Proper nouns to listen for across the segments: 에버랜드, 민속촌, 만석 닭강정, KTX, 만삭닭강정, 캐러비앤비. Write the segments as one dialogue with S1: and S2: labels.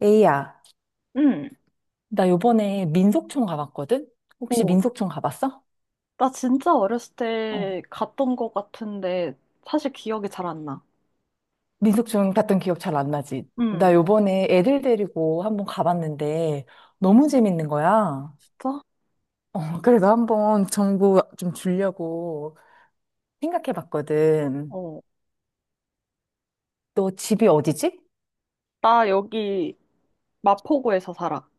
S1: 에이야,
S2: 응.
S1: 나 요번에 민속촌 가봤거든? 혹시
S2: 오,
S1: 민속촌 가봤어?
S2: 나 진짜 어렸을
S1: 어.
S2: 때 갔던 것 같은데 사실 기억이 잘 안 나.
S1: 민속촌 갔던 기억 잘 안 나지? 나
S2: 응.
S1: 요번에 애들 데리고 한번 가봤는데 너무 재밌는 거야.
S2: 진짜?
S1: 어, 그래서 한번 정보 좀 주려고 생각해 봤거든.
S2: 어.
S1: 너 집이 어디지?
S2: 나 여기 마포구에서 살아.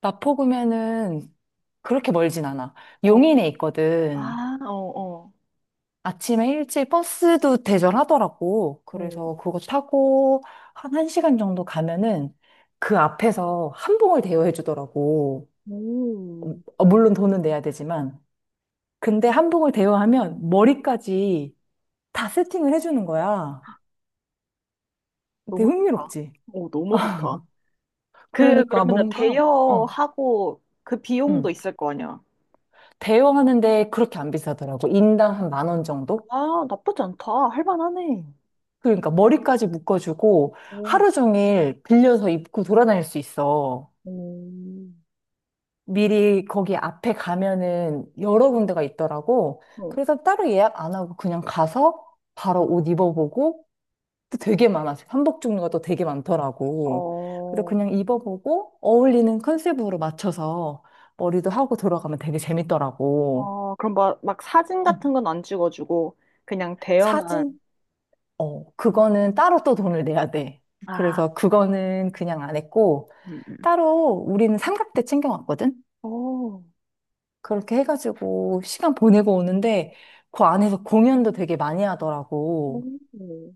S1: 마포구면은 그렇게 멀진 않아.
S2: 어.
S1: 용인에 있거든.
S2: 아, 어, 어.
S1: 아침에 일찍 버스도 대절하더라고.
S2: 어.
S1: 그래서 그거 타고 한 1시간 정도 가면은 그 앞에서 한복을 대여해 주더라고.
S2: 오,
S1: 어, 물론 돈은 내야 되지만. 근데 한복을 대여하면 머리까지 다 세팅을 해 주는 거야. 되게
S2: 너무 좋다.
S1: 흥미롭지?
S2: 오, 너무 좋다. 그,
S1: 그러니까
S2: 그러면은
S1: 뭔가,
S2: 대여하고 그 비용도
S1: 음.
S2: 있을 거 아니야.
S1: 대여하는데 그렇게 안 비싸더라고. 인당 한 만 원 정도?
S2: 아, 나쁘지 않다. 할만하네.
S1: 그러니까 머리까지 묶어주고
S2: 오,
S1: 하루 종일 빌려서 입고 돌아다닐 수 있어.
S2: 오
S1: 미리 거기 앞에 가면은 여러 군데가 있더라고.
S2: 오
S1: 그래서 따로 예약 안 하고 그냥 가서 바로 옷 입어보고 또 되게 많아. 한복 종류가 또 되게 많더라고. 그래서
S2: 어,
S1: 그냥 입어보고 어울리는 컨셉으로 맞춰서 머리도 하고 들어가면 되게 재밌더라고.
S2: 어, 그럼 막 사진 같은
S1: 음.
S2: 건 안 찍어주고, 그냥 대여만.
S1: 사진? 어, 그거는 따로 또 돈을 내야 돼.
S2: 아,
S1: 그래서 그거는 그냥 안 했고,
S2: 음, 음.
S1: 따로 우리는 삼각대 챙겨왔거든?
S2: 오,
S1: 그렇게 해가지고 시간 보내고 오는데 그 안에서 공연도 되게 많이 하더라고.
S2: 오,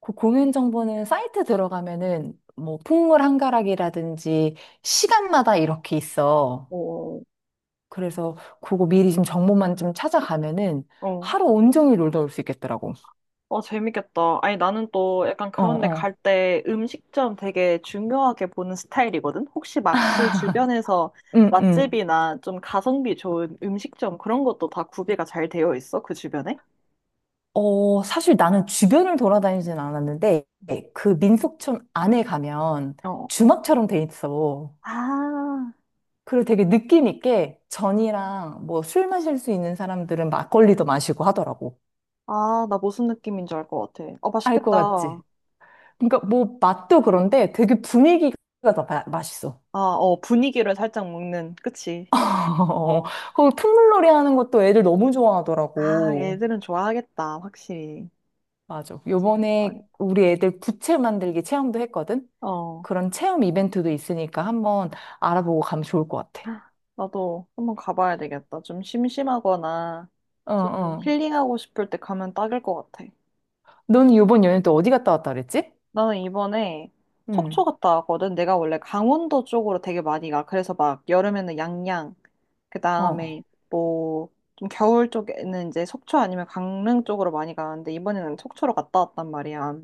S1: 그 공연 정보는 사이트 들어가면은 뭐 풍물 한가락이라든지 시간마다 이렇게 있어.
S2: 오,
S1: 그래서 그거 미리 좀 정보만 좀 찾아가면은
S2: 어.
S1: 하루 온종일 놀다 올 수 있겠더라고.
S2: 어, 재밌겠다. 아니, 나는 또 약간
S1: 어,
S2: 그런데 갈
S1: 어.
S2: 때 음식점 되게 중요하게 보는 스타일이거든? 혹시 막 그 주변에서
S1: 응, 응.
S2: 맛집이나 좀 가성비 좋은 음식점 그런 것도 다 구비가 잘 되어 있어? 그 주변에?
S1: 어, 사실 나는 주변을 돌아다니진 않았는데 그 민속촌 안에 가면
S2: 어.
S1: 주막처럼 돼 있어.
S2: 아,
S1: 그리고 되게 느낌 있게 전이랑 뭐 술 마실 수 있는 사람들은 막걸리도 마시고 하더라고.
S2: 아, 나 무슨 느낌인 줄 알 것 같아. 어,
S1: 알 것
S2: 맛있겠다.
S1: 같지? 그러니까 뭐 맛도 그런데 되게 분위기가 더 맛있어.
S2: 아, 어, 분위기를 살짝 먹는, 그치? 어.
S1: 그 풍물놀이 하는 것도 애들 너무
S2: 아,
S1: 좋아하더라고.
S2: 애들은 좋아하겠다, 확실히.
S1: 맞아.
S2: 재밌을
S1: 요번에
S2: 거니까.
S1: 우리 애들 부채 만들기 체험도 했거든?
S2: 어.
S1: 그런 체험 이벤트도 있으니까 한번 알아보고 가면 좋을 것 같아.
S2: 나도 한번 가봐야 되겠다. 좀 심심하거나
S1: 어,
S2: 좀
S1: 어.
S2: 힐링하고 싶을 때 가면 딱일 것 같아.
S1: 넌 요번 연휴 또 어디 갔다 왔다 그랬지?
S2: 나는 이번에 속초
S1: 응.
S2: 갔다 왔거든. 내가 원래 강원도 쪽으로 되게 많이 가. 그래서 막 여름에는 양양, 그 다음에
S1: 어.
S2: 뭐 좀 겨울 쪽에는 이제 속초 아니면 강릉 쪽으로 많이 가는데 이번에는 속초로 갔다 왔단 말이야.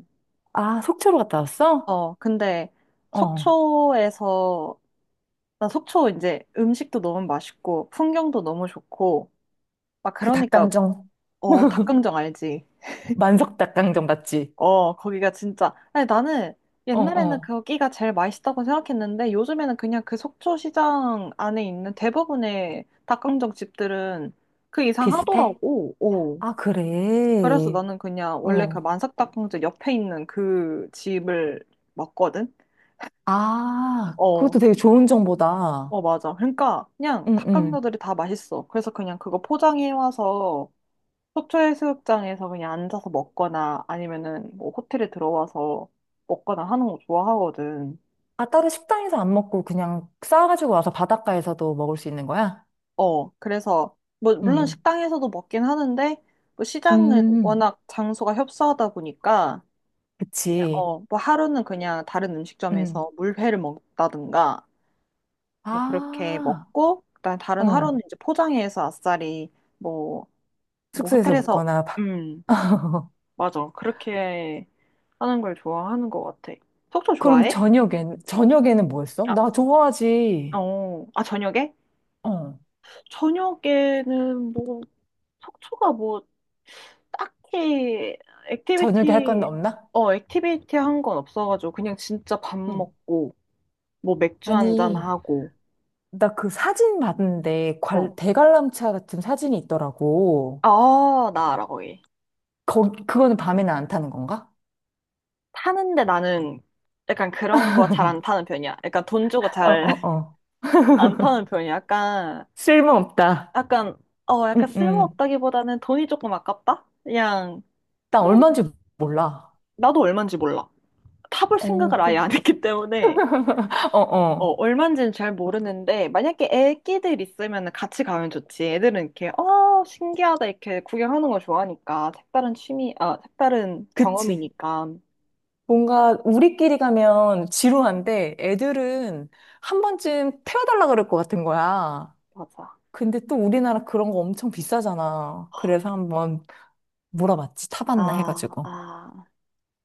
S1: 아, 속초로 갔다 왔어?
S2: 어, 근데
S1: 어.
S2: 속초에서, 나 속초 이제 음식도 너무 맛있고, 풍경도 너무 좋고, 막
S1: 그
S2: 그러니까,
S1: 닭강정.
S2: 어, 닭강정 알지?
S1: 만석 닭강정 맞지?
S2: 어, 거기가 진짜. 아니, 나는
S1: 어,
S2: 옛날에는
S1: 어.
S2: 거기가 제일 맛있다고 생각했는데, 요즘에는 그냥 그 속초 시장 안에 있는 대부분의 닭강정 집들은 그 이상
S1: 비슷해?
S2: 하더라고. 오.
S1: 아,
S2: 그래서
S1: 그래.
S2: 나는 그냥 원래 그
S1: 어.
S2: 만삭닭강정 옆에 있는 그 집을 먹거든?
S1: 아,
S2: 어,
S1: 그것도 되게 좋은 정보다.
S2: 어, 맞아. 그러니까 그냥
S1: 응, 응.
S2: 닭강정들이 다 맛있어. 그래서 그냥 그거 포장해 와서 속초해수욕장에서 그냥 앉아서 먹거나 아니면은 뭐 호텔에 들어와서 먹거나 하는 거 좋아하거든.
S1: 아, 따로 식당에서 안 먹고 그냥 싸가지고 와서 바닷가에서도 먹을 수 있는 거야?
S2: 어, 그래서 뭐 물론
S1: 응.
S2: 식당에서도 먹긴 하는데 뭐 시장은
S1: 음,
S2: 워낙 장소가 협소하다 보니까 그냥
S1: 그치.
S2: 어, 뭐 하루는 그냥 다른
S1: 응.
S2: 음식점에서 물회를 먹다든가 뭐 그렇게
S1: 아,
S2: 먹고 그다음에 다른 하루는
S1: 어.
S2: 이제 포장해서 아싸리 뭐 뭐
S1: 숙소에서
S2: 호텔에서
S1: 먹거나. 바-
S2: 음 맞아. 그렇게 하는 걸 좋아하는 것 같아. 속초
S1: 그럼
S2: 좋아해?
S1: 저녁에는 뭐였어
S2: 아,
S1: 나 좋아하지.
S2: 어, 아, 저녁에?
S1: 어.
S2: 저녁에는 뭐, 속초가 뭐, 딱히
S1: 저녁에 할 건
S2: 액티비티,
S1: 없나?
S2: 어, 액티비티 한 건 없어가지고, 그냥 진짜 밥
S1: 응.
S2: 먹고, 뭐, 맥주 한잔
S1: 아니,
S2: 하고,
S1: 나 그 사진 봤는데
S2: 어.
S1: 대관람차 같은 사진이 있더라고.
S2: 어, 나 알아, 거기.
S1: 그거는 밤에는 안 타는 건가?
S2: 타는데 나는 약간 그런 거 잘 안 타는 편이야. 약간 돈 주고
S1: 어,
S2: 잘
S1: 어, 어.
S2: 안 타는 편이야. 약간
S1: 쓸모없다.
S2: 약간, 어, 약간
S1: 응, 응.
S2: 쓸모없다기보다는 돈이 조금 아깝다? 그냥,
S1: 나
S2: 뭐,
S1: 얼마인지 몰라.
S2: 나도 얼마인지 몰라. 타볼
S1: 어,
S2: 생각을 아예 안 했기 때문에,
S1: 어,
S2: 어,
S1: 어.
S2: 얼마인지는 잘 모르는데, 만약에 애기들 있으면 같이 가면 좋지. 애들은 이렇게, 어, 신기하다, 이렇게 구경하는 걸 좋아하니까. 색다른 취미, 아, 색다른
S1: 그치.
S2: 경험이니까.
S1: 뭔가 우리끼리 가면 지루한데 애들은 한 번쯤 태워달라 그럴 것 같은 거야.
S2: 맞아.
S1: 근데 또 우리나라 그런 거 엄청 비싸잖아. 그래서 한번 물어봤지. 타봤나
S2: 아,
S1: 해가지고.
S2: 아,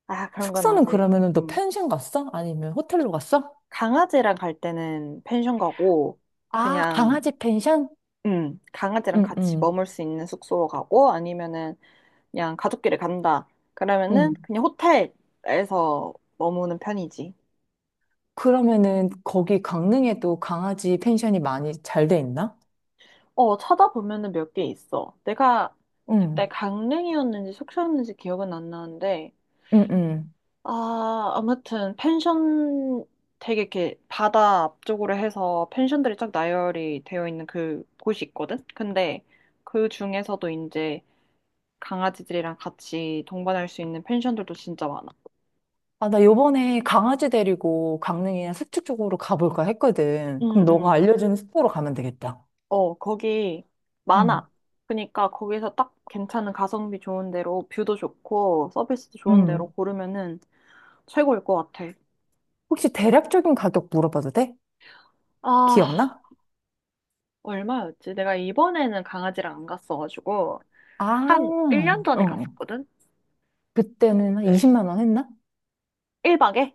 S2: 아, 그런 건
S1: 숙소는
S2: 아직,
S1: 그러면은 너 펜션 갔어? 아니면 호텔로 갔어?
S2: 강아지랑 갈 때는 펜션 가고,
S1: 아,
S2: 그냥,
S1: 강아지 펜션?
S2: 강아지랑
S1: 응,
S2: 같이
S1: 응,
S2: 머물 수 있는 숙소로 가고 아니면은 그냥 가족끼리 간다. 그러면은
S1: 응.
S2: 그냥 호텔에서 머무는 편이지.
S1: 그러면은 거기 강릉에도 강아지 펜션이 많이 잘 돼 있나?
S2: 어, 찾아보면은 몇 개 있어. 내가
S1: 응,
S2: 그때 강릉이었는지 속초였는지 기억은 안 나는데
S1: 응, 응.
S2: 아, 아무튼 펜션 되게 이렇게 바다 앞쪽으로 해서 펜션들이 쫙 나열이 되어 있는 그 곳이 있거든. 근데 그 중에서도 이제 강아지들이랑 같이 동반할 수 있는 펜션들도 진짜 많아.
S1: 아, 나 요번에 강아지 데리고 강릉이나 서초 쪽으로 가볼까 했거든. 그럼
S2: 응,
S1: 너가
S2: 응.
S1: 알려주는 숙소로 가면 되겠다.
S2: 어, 거기
S1: 응,
S2: 많아. 그러니까 거기서 딱 괜찮은 가성비 좋은 데로 뷰도 좋고 서비스도 좋은
S1: 응.
S2: 데로 고르면은 최고일 것 같아.
S1: 혹시 대략적인 가격 물어봐도 돼?
S2: 아,
S1: 기억나?
S2: 얼마였지? 내가 이번에는 강아지랑 안 갔어가지고 한
S1: 아,
S2: 1년
S1: 어.
S2: 전에
S1: 어.
S2: 갔었거든?
S1: 그때는 한
S2: 근데
S1: 20만 원 했나?
S2: 1박에?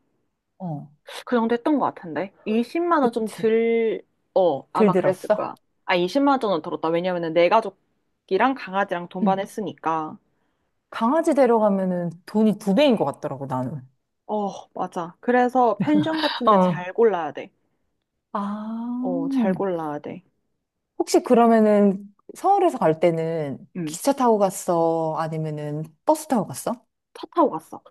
S1: 어,
S2: 그 정도 했던 것 같은데. 20 원 좀
S1: 그치.
S2: 들, 어, 아마 그랬을
S1: 들들었어?
S2: 거야. 아, 20 원은 들었다. 왜냐면은 내 가족이랑 강아지랑
S1: 응.
S2: 동반했으니까.
S1: 강아지 데려가면은 돈이 두 배인 것 같더라고, 나는.
S2: 어, 맞아. 그래서 펜션 같은데
S1: 어.
S2: 잘 골라야 돼. 어, 잘
S1: 아.
S2: 골라야 돼.
S1: 혹시 그러면은 서울에서 갈 때는
S2: 응.
S1: 기차 타고 갔어? 아니면은 버스 타고 갔어?
S2: 차 타고 갔어.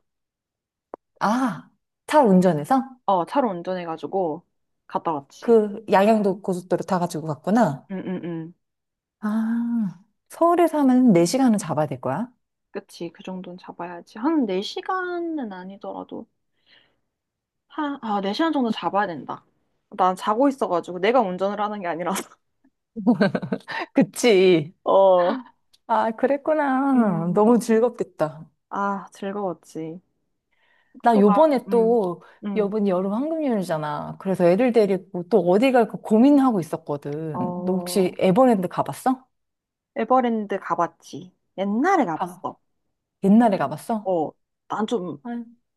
S1: 아, 차 운전해서?
S2: 어, 차로 운전해가지고 갔다 왔지.
S1: 그 양양도 고속도로 타가지고 갔구나.
S2: 응, 응, 응.
S1: 아, 서울에서 하면 4시간은 잡아야 될 거야?
S2: 그치. 그 정도는 잡아야지. 한 4시간은 아니더라도, 한, 아, 4시간 정도 잡아야 된다. 난 자고 있어가지고 내가 운전을 하는 게 아니라서.
S1: 그치.
S2: 어,
S1: 아, 그랬구나.
S2: 음.
S1: 너무 즐겁겠다.
S2: 아, 즐거웠지.
S1: 나
S2: 속초가,
S1: 요번에
S2: 음,
S1: 또
S2: 음.
S1: 여분 여름 황금연휴잖아. 그래서 애들 데리고 또 어디 갈까 고민하고 있었거든. 너 혹시
S2: 어,
S1: 에버랜드 가봤어?
S2: 에버랜드 가봤지. 옛날에
S1: 아,
S2: 가봤어.
S1: 옛날에 가봤어?
S2: 어, 난좀
S1: 아,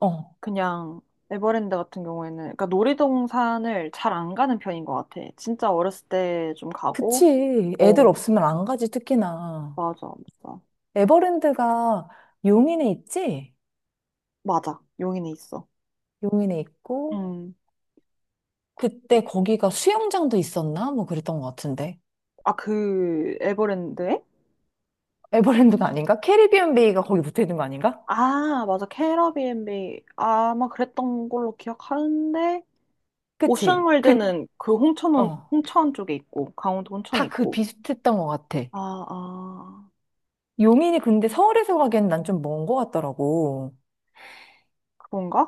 S1: 어,
S2: 그냥 에버랜드 같은 경우에는 그러니까 놀이동산을 잘 안 가는 편인 것 같아. 진짜 어렸을 때 좀 가고,
S1: 그치. 애들
S2: 어,
S1: 없으면 안 가지, 특히나.
S2: 맞아, 맞아,
S1: 에버랜드가 용인에 있지?
S2: 맞아. 용인에 있어.
S1: 용인에 있고,
S2: 음,
S1: 그때 거기가 수영장도 있었나? 뭐 그랬던 것 같은데.
S2: 아, 그 에버랜드에?
S1: 에버랜드가 아닌가? 캐리비안 베이가 거기 붙어 있는 거 아닌가?
S2: 아, 맞아, 캐러비앤비 아마 그랬던 걸로 기억하는데
S1: 그치?
S2: 오션월드는 그 홍천
S1: 어,
S2: 홍천 쪽에 있고 강원도 홍천에
S1: 다 그
S2: 있고.
S1: 비슷했던 것 같아.
S2: 아, 아,
S1: 용인이 근데 서울에서 가기엔 난 좀 먼 것 같더라고.
S2: 그건가?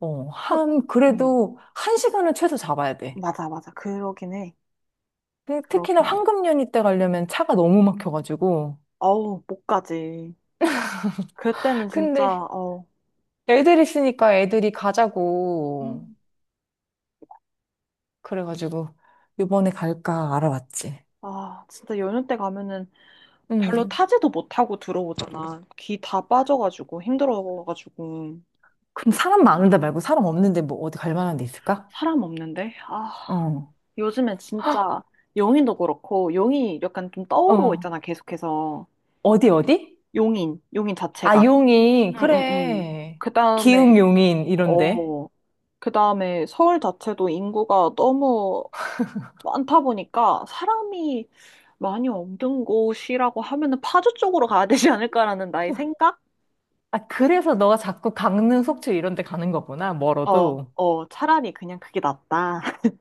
S1: 어,
S2: 한,
S1: 한,
S2: 음,
S1: 그래도 한 1시간은 최소 잡아야 돼.
S2: 맞아. 그러긴 해.
S1: 특히나
S2: 그렇긴 해.
S1: 황금연휴 때 가려면 차가 너무 막혀가지고.
S2: 어우, 못 가지. 그때는 진짜
S1: 근데
S2: 어,
S1: 애들 있으니까 애들이 가자고.
S2: 음.
S1: 그래가지고 이번에 갈까 알아봤지.
S2: 아, 진짜 연휴 때 가면은 별로
S1: 음.
S2: 타지도 못하고 들어오잖아. 귀 다 빠져가지고 힘들어가지고
S1: 그럼 사람 많은 데 말고 사람 없는데 뭐 어디 갈 만한 데 있을까?
S2: 사람 없는데. 아,
S1: 어.
S2: 요즘에 진짜 용인도 그렇고 용이 약간 좀 떠오르고
S1: 어.
S2: 있잖아. 계속해서
S1: 어디 어디?
S2: 용인
S1: 아,
S2: 자체가.
S1: 용인.
S2: 응응응.
S1: 그래.
S2: 그
S1: 기흥
S2: 다음에
S1: 용인 이런데.
S2: 어, 그 다음에 서울 자체도 인구가 너무 많다 보니까 사람이 많이 없는 곳이라고 하면은 파주 쪽으로 가야 되지 않을까라는 나의 생각?
S1: 아, 그래서 너가 자꾸 강릉, 속초 이런 데 가는 거구나,
S2: 어,
S1: 멀어도.
S2: 어, 차라리 그냥 그게 낫다.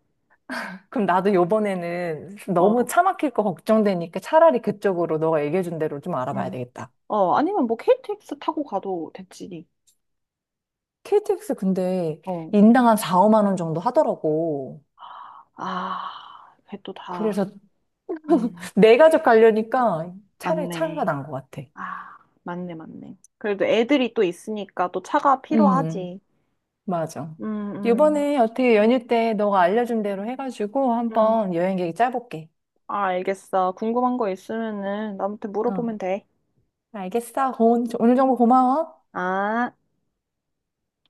S1: 그럼 나도 요번에는 너무
S2: 어,
S1: 차 막힐 거 걱정되니까 차라리 그쪽으로 너가 얘기해준 대로 좀 알아봐야
S2: 음.
S1: 되겠다.
S2: 어, 아니면 뭐 KTX 타고 가도 됐지.
S1: KTX 근데
S2: 어,
S1: 인당 한 4, 5만 원 정도 하더라고.
S2: 아, 그게 또 다,
S1: 그래서
S2: 음,
S1: 내 가족 가려니까 차라리 차가
S2: 맞네.
S1: 난 것 같아.
S2: 아, 맞네. 그래도 애들이 또 있으니까 또 차가
S1: 음,
S2: 필요하지.
S1: 맞아.
S2: 음, 음,
S1: 요번에 어떻게 연휴 때 너가 알려준 대로 해가지고
S2: 음.
S1: 한번 여행 계획 짜볼게.
S2: 아, 알겠어. 궁금한 거 있으면은 나한테
S1: 어,
S2: 물어보면 돼.
S1: 알겠어. 오늘 정보 고마워.
S2: 아.